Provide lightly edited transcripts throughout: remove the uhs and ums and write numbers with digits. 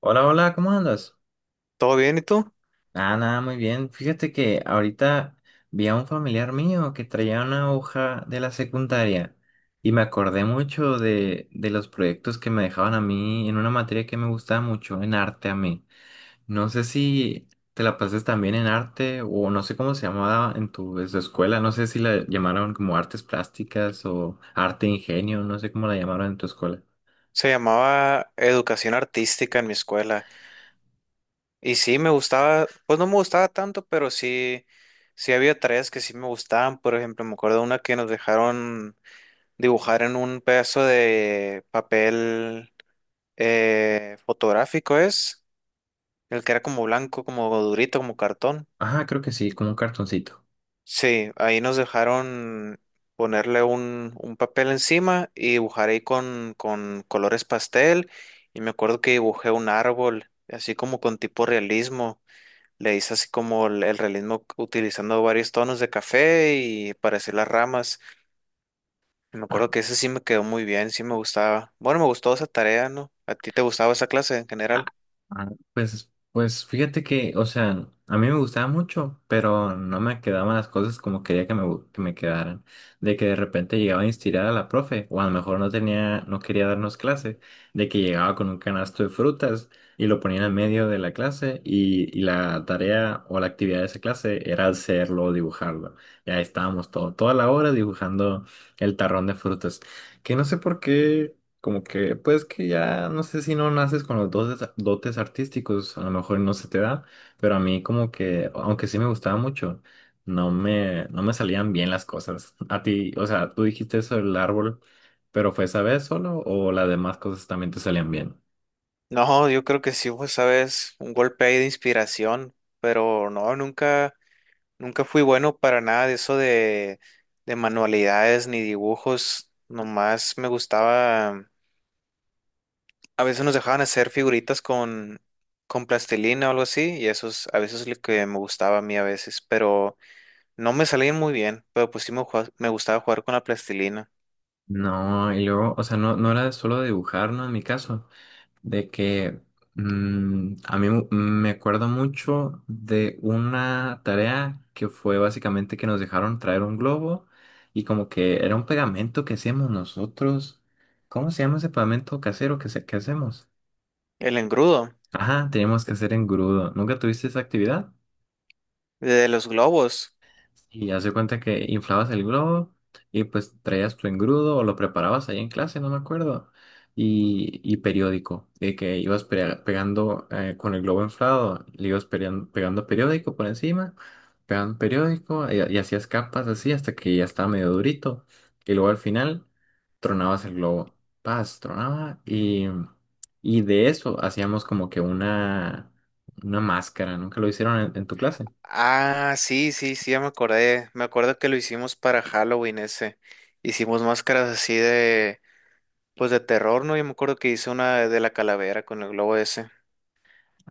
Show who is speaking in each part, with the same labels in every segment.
Speaker 1: Hola, hola, ¿cómo andas?
Speaker 2: ¿Todo bien y tú?
Speaker 1: Ah, nada, muy bien. Fíjate que ahorita vi a un familiar mío que traía una hoja de la secundaria y me acordé mucho de los proyectos que me dejaban a mí en una materia que me gustaba mucho, en arte a mí. No sé si te la pases también en arte o no sé cómo se llamaba en tu escuela, no sé si la llamaron como artes plásticas o arte ingenio, no sé cómo la llamaron en tu escuela.
Speaker 2: Se llamaba educación artística en mi escuela. Y sí me gustaba, pues no me gustaba tanto, pero sí, sí había tareas que sí me gustaban. Por ejemplo, me acuerdo una que nos dejaron dibujar en un pedazo de papel fotográfico, es, el que era como blanco, como durito, como cartón.
Speaker 1: Ajá, creo que sí, como un cartoncito.
Speaker 2: Sí, ahí nos dejaron ponerle un papel encima y dibujar ahí con colores pastel. Y me acuerdo que dibujé un árbol, así como con tipo realismo. Le hice así como el realismo utilizando varios tonos de café y para hacer las ramas. Y me acuerdo que ese sí me quedó muy bien, sí me gustaba. Bueno, me gustó esa tarea, ¿no? ¿A ti te gustaba esa clase en
Speaker 1: Ah,
Speaker 2: general?
Speaker 1: ah, Pues, pues fíjate que, o sea, a mí me gustaba mucho, pero no me quedaban las cosas como quería que me, que me quedaran. De que de repente llegaba a instigar a la profe, o a lo mejor no tenía, no quería darnos clase, de que llegaba con un canasto de frutas y lo ponía en el medio de la clase y la tarea o la actividad de esa clase era hacerlo, dibujarlo. Y ahí estábamos toda la hora dibujando el tarrón de frutas. Que no sé por qué. Como que, pues que ya, no sé si no naces con los dotes, dotes artísticos, a lo mejor no se te da, pero a mí como que, aunque sí me gustaba mucho, no me salían bien las cosas. A ti, o sea, tú dijiste eso del árbol, pero ¿fue esa vez solo o las demás cosas también te salían bien?
Speaker 2: No, yo creo que sí fue, sabes, un golpe ahí de inspiración, pero no, nunca. Nunca fui bueno para nada de eso de manualidades ni dibujos. Nomás me gustaba. A veces nos dejaban hacer figuritas con plastilina o algo así. Y eso es a veces lo que me gustaba a mí a veces. Pero no me salían muy bien. Pero pues sí me, jua- me gustaba jugar con la plastilina.
Speaker 1: No, y luego, o sea, no, no era solo dibujar, ¿no? En mi caso. De que a mí me acuerdo mucho de una tarea que fue básicamente que nos dejaron traer un globo y como que era un pegamento que hacíamos nosotros. ¿Cómo se llama ese pegamento casero que, que hacemos?
Speaker 2: El engrudo
Speaker 1: Ajá, teníamos que hacer engrudo. ¿Nunca tuviste esa actividad?
Speaker 2: de los globos.
Speaker 1: Y hace cuenta que inflabas el globo y pues traías tu engrudo o lo preparabas ahí en clase, no me acuerdo. Y periódico, de que ibas pegando con el globo inflado, le ibas pegando periódico por encima, pegando periódico y hacías capas así hasta que ya estaba medio durito. Y luego al final tronabas el globo. Paz, tronaba y de eso hacíamos como que una máscara. ¿Nunca lo hicieron en tu clase?
Speaker 2: Ah, sí, sí, sí, ya me acordé. Me acuerdo que lo hicimos para Halloween ese. Hicimos máscaras así. Pues de terror, ¿no? Yo me acuerdo que hice una de la calavera con el globo ese.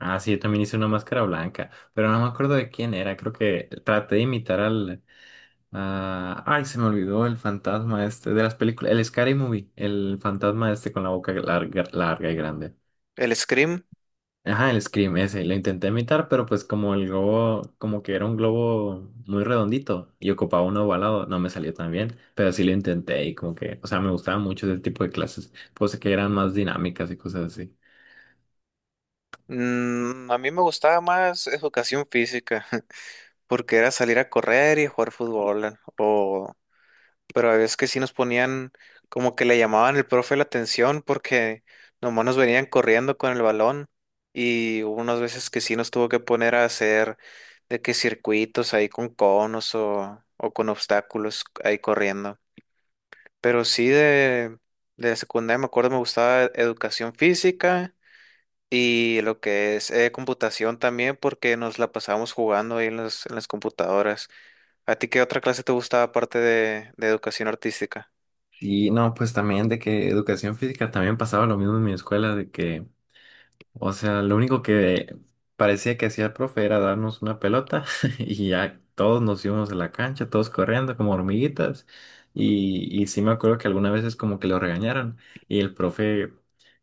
Speaker 1: Ah, sí, yo también hice una máscara blanca, pero no me acuerdo de quién era. Creo que traté de imitar al... Ay, se me olvidó el fantasma este de las películas. El Scary Movie, el fantasma este con la boca larga, larga y grande.
Speaker 2: El Scream.
Speaker 1: Ajá, el Scream ese. Lo intenté imitar, pero pues como el globo, como que era un globo muy redondito y ocupaba uno ovalado, no me salió tan bien. Pero sí lo intenté y como que, o sea, me gustaba mucho ese tipo de clases. Pues que eran más dinámicas y cosas así.
Speaker 2: A mí me gustaba más educación física, porque era salir a correr y jugar fútbol, o... Pero a veces que sí nos ponían, como que le llamaban el profe la atención, porque nomás nos venían corriendo con el balón, y hubo unas veces que sí nos tuvo que poner a hacer de que circuitos ahí con conos o con obstáculos ahí corriendo. Pero sí de secundaria me acuerdo me gustaba e-, educación física y lo que es computación también porque nos la pasábamos jugando ahí en las computadoras. ¿A ti qué otra clase te gustaba aparte de educación artística?
Speaker 1: Y no, pues también de que educación física también pasaba lo mismo en mi escuela, de que, o sea, lo único que parecía que hacía el profe era darnos una pelota y ya todos nos íbamos a la cancha, todos corriendo como hormiguitas. Y sí me acuerdo que algunas veces como que lo regañaron y el profe,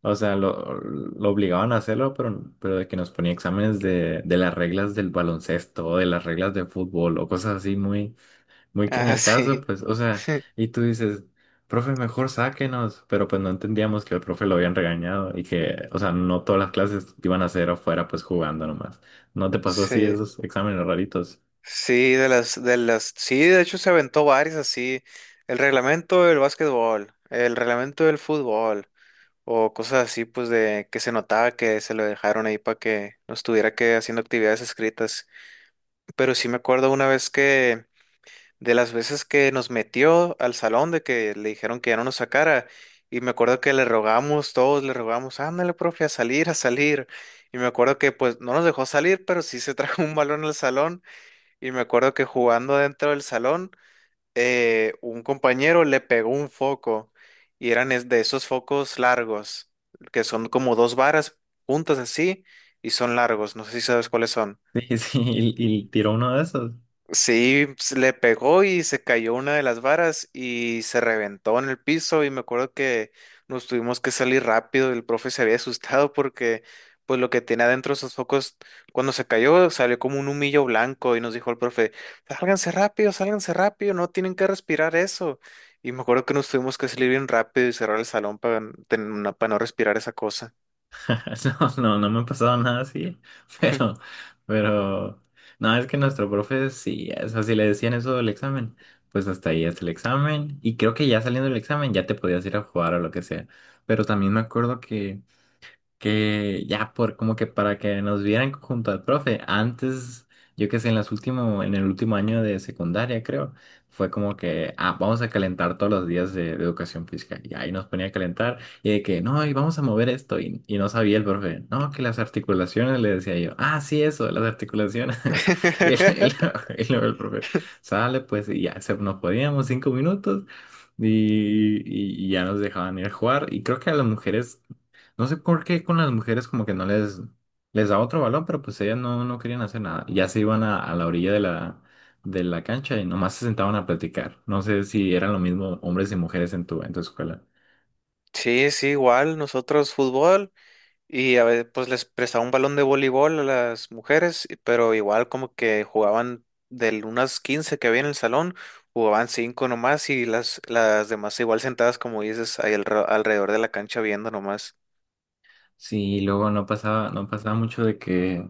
Speaker 1: o sea, lo obligaban a hacerlo, pero de que nos ponía exámenes de las reglas del baloncesto o de las reglas de fútbol o cosas así muy muy que ni
Speaker 2: Ah,
Speaker 1: el caso,
Speaker 2: sí.
Speaker 1: pues, o sea, y tú dices, profe, mejor sáquenos, pero pues no entendíamos que el profe lo habían regañado y que, o sea, no todas las clases iban a ser afuera, pues jugando nomás. ¿No te pasó así
Speaker 2: Sí,
Speaker 1: esos exámenes raritos?
Speaker 2: sí, de las, sí, de hecho se aventó varias así, el reglamento del básquetbol, el reglamento del fútbol, o cosas así, pues de que se notaba que se lo dejaron ahí para que no estuviera que haciendo actividades escritas. Pero sí me acuerdo una vez que, de las veces que nos metió al salón, de que le dijeron que ya no nos sacara, y me acuerdo que le rogamos todos, le rogamos, ándale, profe, a salir, a salir. Y me acuerdo que pues no nos dejó salir, pero sí se trajo un balón al salón, y me acuerdo que jugando dentro del salón, un compañero le pegó un foco, y eran es- de esos focos largos, que son como dos varas juntas así, y son largos, no sé si sabes cuáles son.
Speaker 1: Sí, sí, y tiró uno de esos.
Speaker 2: Sí, se le pegó y se cayó una de las varas y se reventó en el piso y me acuerdo que nos tuvimos que salir rápido, el profe se había asustado porque pues lo que tenía adentro esos focos cuando se cayó salió como un humillo blanco y nos dijo el profe, sálganse rápido, no tienen que respirar eso. Y me acuerdo que nos tuvimos que salir bien rápido y cerrar el salón para no respirar esa cosa.
Speaker 1: No, no, no me ha pasado nada así, pero, pero, no, es que nuestro profe sí, o sea, si le decían eso del examen, pues hasta ahí es el examen, y creo que ya saliendo del examen ya te podías ir a jugar o lo que sea. Pero también me acuerdo que ya por como que para que nos vieran junto al profe. Antes, yo que sé, en las último, en el último año de secundaria, creo, fue como que, ah, vamos a calentar todos los días de educación física. Y ahí nos ponía a calentar y de que, no, y vamos a mover esto. Y no sabía el profe, no, que las articulaciones, le decía yo, ah, sí, eso, las articulaciones. Y, y luego el profe, sale, pues, y ya se, nos podíamos 5 minutos. Y, y ya nos dejaban ir a jugar. Y creo que a las mujeres no sé por qué con las mujeres como que no les, les da otro balón, pero pues ellas no, no querían hacer nada. Ya se iban a la orilla de de la cancha y nomás se sentaban a platicar. No sé si eran lo mismo hombres y mujeres en tu escuela.
Speaker 2: Sí, sí, igual, nosotros fútbol. Y a veces pues les prestaba un balón de voleibol a las mujeres, y- pero igual como que jugaban de unas 15 que había en el salón, jugaban 5 nomás y las demás igual sentadas como dices ahí alre- alrededor de la cancha viendo nomás.
Speaker 1: Sí, y luego no pasaba, no pasaba mucho de que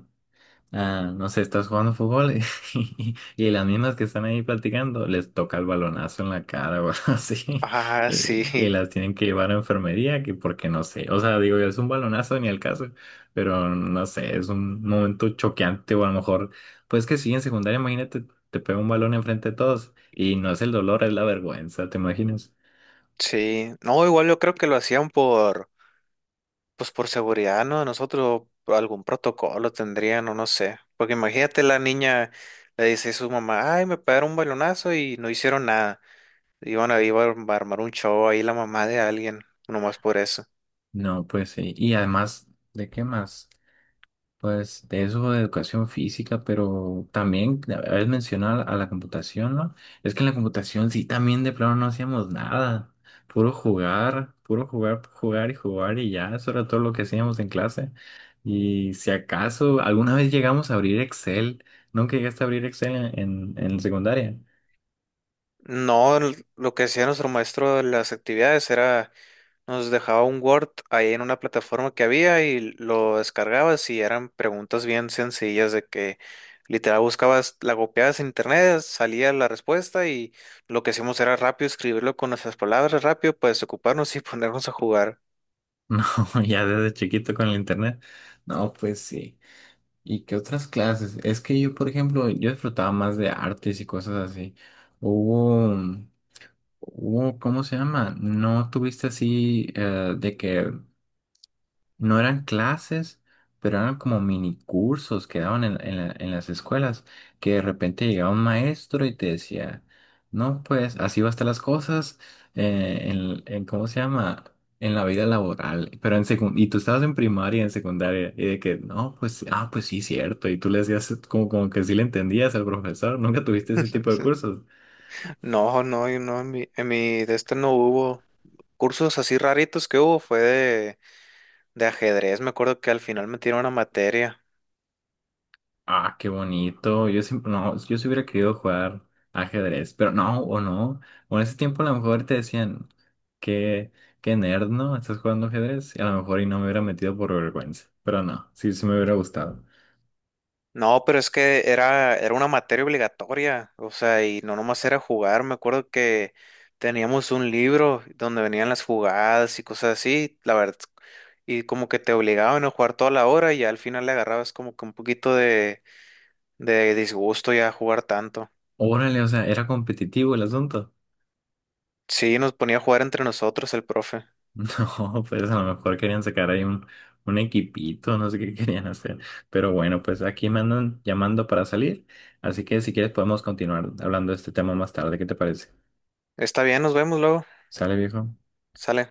Speaker 1: Ah, no sé, estás jugando fútbol y, y las mismas que están ahí platicando les toca el balonazo en la cara o algo así
Speaker 2: Ah, sí,
Speaker 1: y las tienen que llevar a enfermería que porque no sé, o sea, digo, es un balonazo ni el caso, pero no sé, es un momento choqueante o a lo mejor, pues que sí, en secundaria, imagínate, te pega un balón enfrente de todos y no es el dolor, es la vergüenza, ¿te imaginas?
Speaker 2: sí. No, igual yo creo que lo hacían por, pues por seguridad, ¿no? Nosotros algún protocolo tendrían o no sé. Porque imagínate la niña le dice a su mamá, ay, me pegaron un balonazo y no hicieron nada. Iban a, iba a armar un show ahí la mamá de alguien, nomás por eso.
Speaker 1: No, pues sí, y además, ¿de qué más? Pues de eso de educación física, pero también habéis mencionado a la computación, ¿no? Es que en la computación sí también de plano no hacíamos nada, puro jugar, jugar y jugar y ya, eso era todo lo que hacíamos en clase. Y si acaso alguna vez llegamos a abrir Excel, ¿nunca llegaste a abrir Excel en, en la secundaria?
Speaker 2: No, l- lo que hacía nuestro maestro de las actividades era, nos dejaba un Word ahí en una plataforma que había y lo descargabas y eran preguntas bien sencillas de que literal buscabas, la copiabas en internet, salía la respuesta y lo que hacíamos era rápido escribirlo con nuestras palabras rápido para desocuparnos y ponernos a jugar.
Speaker 1: No, ya desde chiquito con el internet. No, pues sí. ¿Y qué otras clases? Es que yo, por ejemplo, yo disfrutaba más de artes y cosas así. Hubo, hubo, ¿cómo se llama? ¿No tuviste así de que no eran clases, pero eran como mini cursos que daban en, en las escuelas, que de repente llegaba un maestro y te decía, no, pues así va a estar las cosas en, ¿cómo se llama? En la vida laboral, pero en secund y tú estabas en primaria, en secundaria, y de que, no, pues, ah, pues sí, cierto, y tú le hacías como, como que sí le entendías al profesor, nunca tuviste ese tipo de cursos.
Speaker 2: No, no, y no, en en mi de este no hubo cursos así raritos que hubo, fue de ajedrez, me acuerdo que al final metieron una materia.
Speaker 1: Ah, qué bonito. Yo siempre, no, yo sí hubiera querido jugar ajedrez, pero no, o no. O en ese tiempo a lo mejor te decían, qué, qué nerd, ¿no? Estás jugando ajedrez. Y a lo mejor y no me hubiera metido por vergüenza. Pero no, sí, sí me hubiera gustado.
Speaker 2: No, pero es que era, era una materia obligatoria, o sea, y no nomás era jugar, me acuerdo que teníamos un libro donde venían las jugadas y cosas así, la verdad, y como que te obligaban a jugar toda la hora y ya al final le agarrabas como que un poquito de disgusto ya a jugar tanto.
Speaker 1: Órale, o sea, era competitivo el asunto.
Speaker 2: Sí, nos ponía a jugar entre nosotros el profe.
Speaker 1: No, pues a lo mejor querían sacar ahí un equipito, no sé qué querían hacer. Pero bueno, pues aquí me andan llamando para salir. Así que si quieres podemos continuar hablando de este tema más tarde. ¿Qué te parece?
Speaker 2: Está bien, nos vemos luego.
Speaker 1: ¿Sale, viejo?
Speaker 2: Sale.